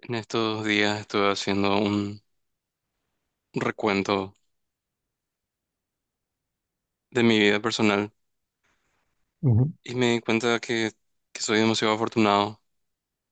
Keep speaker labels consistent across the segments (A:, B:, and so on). A: En estos días estuve haciendo un recuento de mi vida personal
B: Ujú.
A: y me di cuenta que soy demasiado afortunado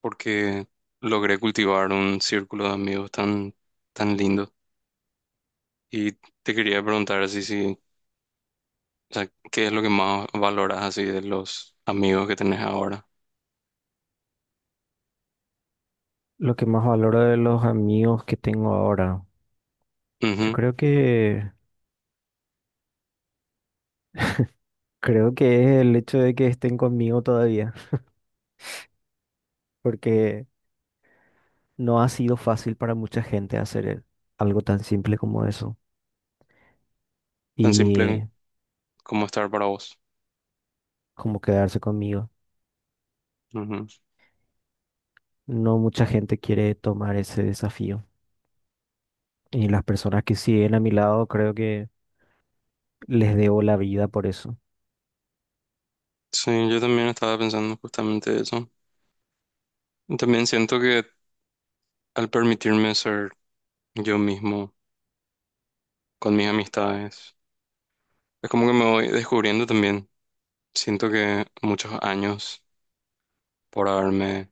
A: porque logré cultivar un círculo de amigos tan lindo. Y te quería preguntar así si, o sea, ¿qué es lo que más valoras así de los amigos que tenés ahora?
B: Lo que más valoro de los amigos que tengo ahora, yo
A: Ujú.
B: creo que es el hecho de que estén conmigo todavía, porque no ha sido fácil para mucha gente algo tan simple como eso
A: Tan
B: y
A: simple como estar para vos.
B: como quedarse conmigo.
A: Ujú.
B: No mucha gente quiere tomar ese desafío y las personas que siguen a mi lado creo que les debo la vida por eso.
A: Sí, yo también estaba pensando justamente eso. Y también siento que al permitirme ser yo mismo con mis amistades, es como que me voy descubriendo también. Siento que muchos años por haberme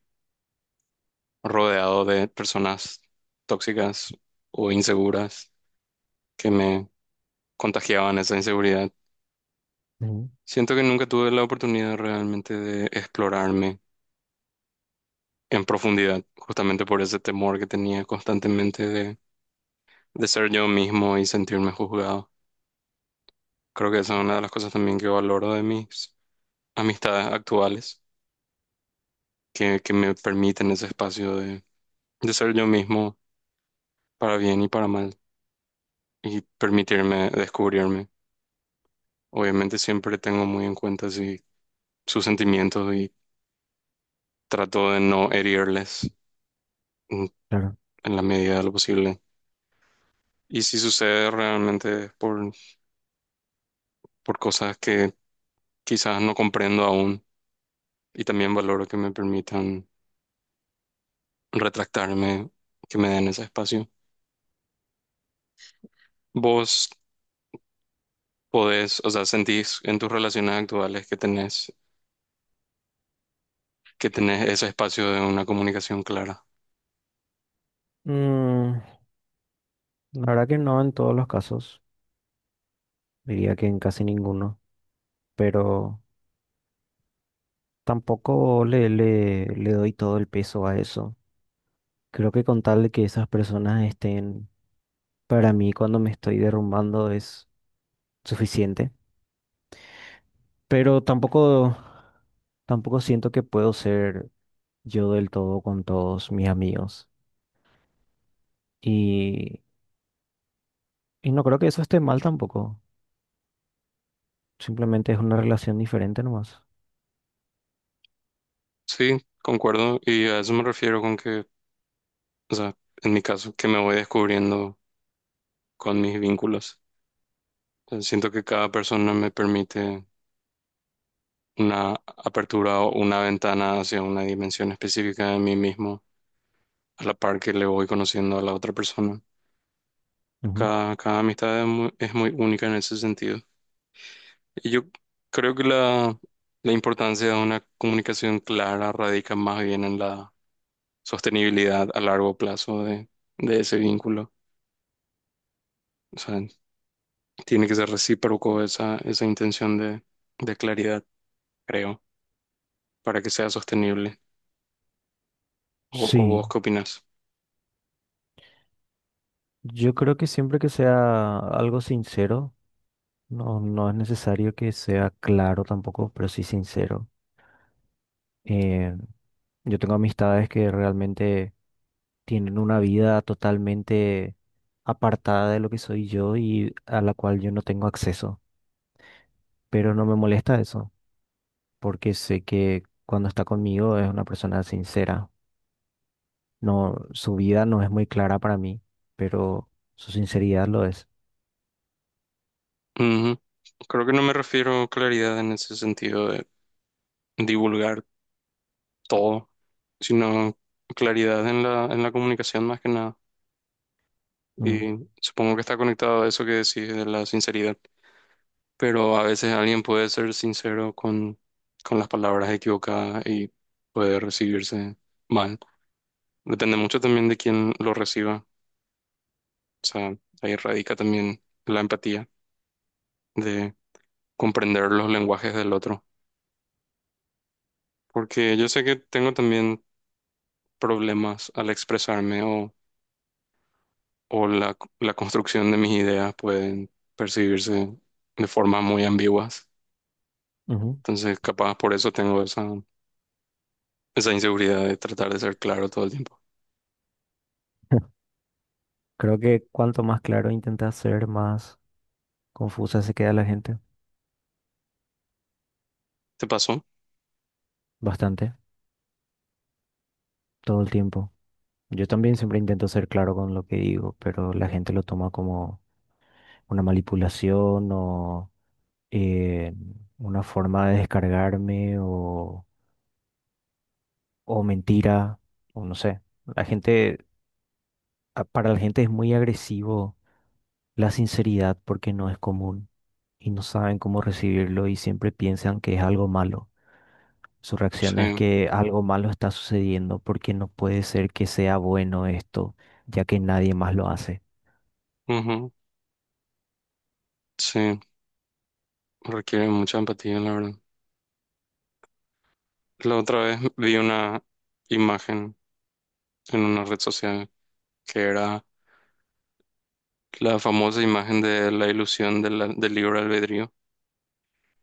A: rodeado de personas tóxicas o inseguras que me contagiaban esa inseguridad.
B: Ujú.
A: Siento que nunca tuve la oportunidad realmente de explorarme en profundidad, justamente por ese temor que tenía constantemente de ser yo mismo y sentirme juzgado. Creo que esa es una de las cosas también que valoro de mis amistades actuales, que me permiten ese espacio de ser yo mismo para bien y para mal, y permitirme descubrirme. Obviamente siempre tengo muy en cuenta sí, sus sentimientos y trato de no herirles en,
B: Claro.
A: en la medida de lo posible. Y si sucede realmente por cosas que quizás no comprendo aún, y también valoro que me permitan retractarme, que me den ese espacio. Vos podés, o sea, sentís en tus relaciones actuales que tenés ese espacio de una comunicación clara.
B: Mm, la verdad que no en todos los casos, diría que en casi ninguno, pero tampoco le doy todo el peso a eso. Creo que con tal de que esas personas estén para mí cuando me estoy derrumbando es suficiente. Pero tampoco siento que puedo ser yo del todo con todos mis amigos. Y, y no creo que eso esté mal tampoco. Simplemente es una relación diferente nomás.
A: Sí, concuerdo. Y a eso me refiero con que, o sea, en mi caso, que me voy descubriendo con mis vínculos. O siento que cada persona me permite una apertura o una ventana hacia una dimensión específica de mí mismo, a la par que le voy conociendo a la otra persona.
B: Ujú.
A: Cada amistad es muy única en ese sentido. Y yo creo que la importancia de una comunicación clara radica más bien en la sostenibilidad a largo plazo de ese vínculo. O sea, tiene que ser recíproco esa intención de claridad, creo, para que sea sostenible. O vos
B: Sí,
A: qué opinás?
B: yo creo que siempre que sea algo sincero, no es necesario que sea claro tampoco, pero sí sincero. Eh, yo tengo amistades que realmente tienen una vida totalmente apartada de lo que soy yo y a la cual yo no tengo acceso, pero no me molesta eso, porque sé que cuando está conmigo es una persona sincera. No, su vida no es muy clara para mí, pero su sinceridad lo es.
A: Ujú. Creo que no me refiero a claridad en ese sentido de divulgar todo, sino claridad en la comunicación más que nada.
B: Mm,
A: Y supongo que está conectado a eso que decís de la sinceridad. Pero a veces alguien puede ser sincero con las palabras equivocadas y puede recibirse mal. Depende mucho también de quién lo reciba. O sea, ahí radica también la empatía de comprender los lenguajes del otro. Porque yo sé que tengo también problemas al expresarme o la construcción de mis ideas pueden percibirse de formas muy ambiguas.
B: ujú.
A: Entonces, capaz por eso tengo esa inseguridad de tratar de ser claro todo el tiempo.
B: Creo que cuanto más claro intenta ser, más confusa se queda la gente.
A: ¿Te pasó?
B: Bastante, todo el tiempo. Yo también siempre intento ser claro con lo que digo, pero la gente lo toma como una manipulación o eh, una forma de o mentira, o no sé. La gente, para la gente es muy agresivo la sinceridad porque no es común y no saben cómo recibirlo y siempre piensan que es algo malo. Su reacción es
A: Sí.
B: que algo malo está sucediendo porque no puede ser que sea bueno esto, ya que nadie más lo hace.
A: Ujú. Sí, requiere mucha empatía, la verdad. La otra vez vi una imagen en una red social que era la famosa imagen de la ilusión de la- del libre albedrío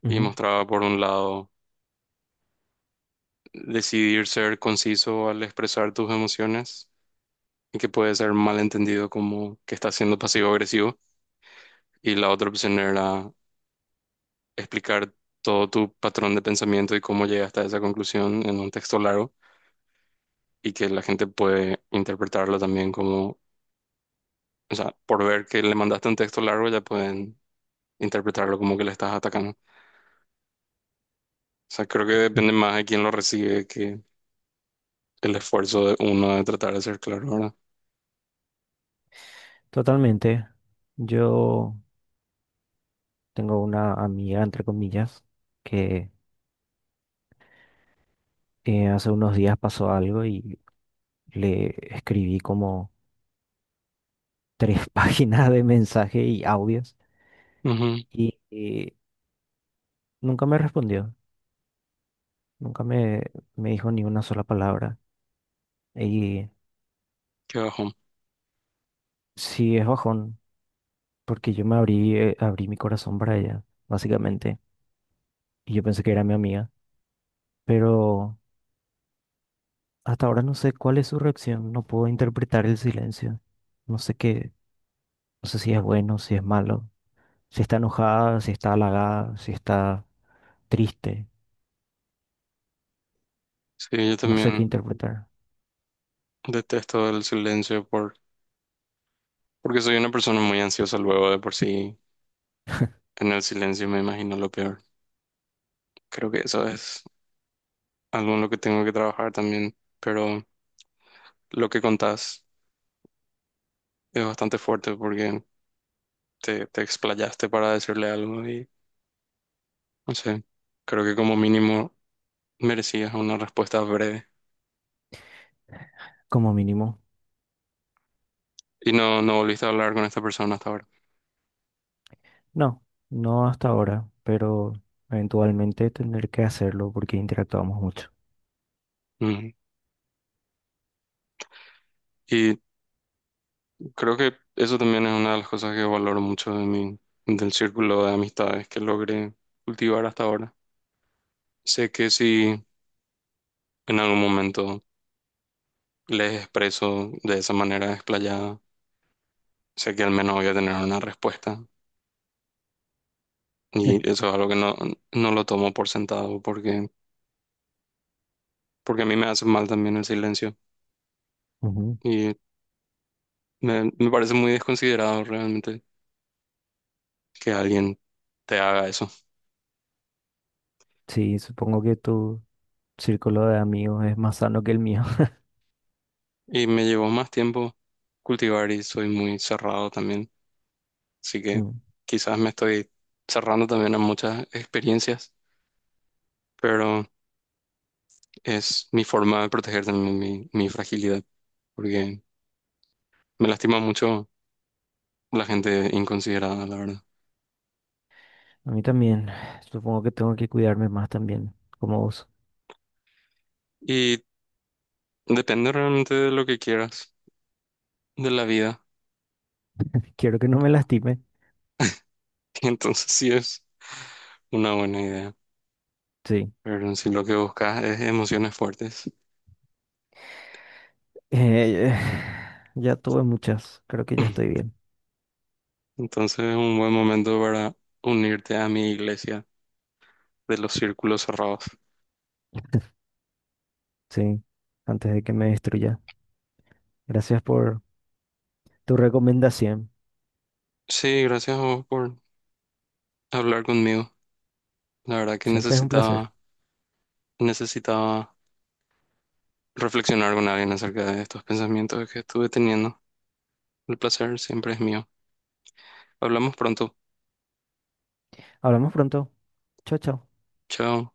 A: y
B: Ujú.
A: mostraba por un lado decidir ser conciso al expresar tus emociones y que puede ser malentendido como que estás siendo pasivo-agresivo, y la otra opción era explicar todo tu patrón de pensamiento y cómo llegaste a esa conclusión en un texto largo, y que la gente puede interpretarlo también como, o sea, por ver que le mandaste un texto largo ya pueden interpretarlo como que le estás atacando. O sea, creo que depende más de quién lo recibe que el esfuerzo de uno de tratar de ser claro, ¿verdad?
B: Totalmente. Yo tengo una amiga, entre comillas, que hace unos días pasó algo y le escribí como tres páginas de mensaje y audios
A: Ujú,
B: y nunca me respondió, nunca me, me dijo ni una sola palabra. Y
A: qué bajón.
B: sí es bajón, porque yo me abrí, abrí mi corazón para ella, básicamente, y yo pensé que era mi amiga, pero hasta ahora no sé cuál es su reacción, no puedo interpretar el silencio, no sé qué. No sé si es bueno, si es malo, si está enojada, si está halagada, si está triste.
A: Sí, yo
B: No sé qué
A: también
B: interpretar.
A: detesto el silencio porque soy una persona muy ansiosa luego de por sí. En el silencio me imagino lo peor. Creo que eso es algo en lo que tengo que trabajar también. Pero lo que contás es bastante fuerte porque te explayaste para decirle algo y no sé. Creo que como mínimo merecías una respuesta breve.
B: Como mínimo,
A: Y no, no volviste a hablar con esta persona hasta ahora.
B: no, no hasta ahora, pero eventualmente tendré que hacerlo porque interactuamos mucho.
A: Ujú. Y creo que eso también es una de las cosas que valoro mucho de del círculo de amistades que logré cultivar hasta ahora. Sé que si en algún momento les expreso de esa manera desplayada, sé que al menos voy a tener una respuesta. Y eso es algo que no, no lo tomo por sentado porque a mí me hace mal también el silencio.
B: Ujú.
A: Y me parece muy desconsiderado realmente que alguien te haga eso.
B: Sí, supongo que tu círculo de amigos es más sano que el mío.
A: Y me llevó más tiempo cultivar y soy muy cerrado también. Así que
B: Mm.
A: quizás me estoy cerrando también a muchas experiencias, pero es mi forma de proteger también mi fragilidad, porque me lastima mucho la gente inconsiderada, la verdad.
B: A mí también. Supongo que tengo que cuidarme más también, como vos.
A: Y depende realmente de lo que quieras, de la vida.
B: Quiero que no me lastime.
A: Entonces sí es una buena idea,
B: Sí.
A: pero si lo que buscas es emociones fuertes,
B: Eh, ya tuve muchas. Creo que ya estoy bien.
A: entonces es un buen momento para unirte a mi iglesia de los círculos cerrados.
B: Sí, antes de que me destruya. Gracias por tu recomendación.
A: Sí, gracias a vos por hablar conmigo. La verdad que
B: Siempre es un placer.
A: necesitaba reflexionar con alguien acerca de estos pensamientos que estuve teniendo. El placer siempre es mío. Hablamos pronto.
B: Hablamos pronto. Chao, chao.
A: Chao.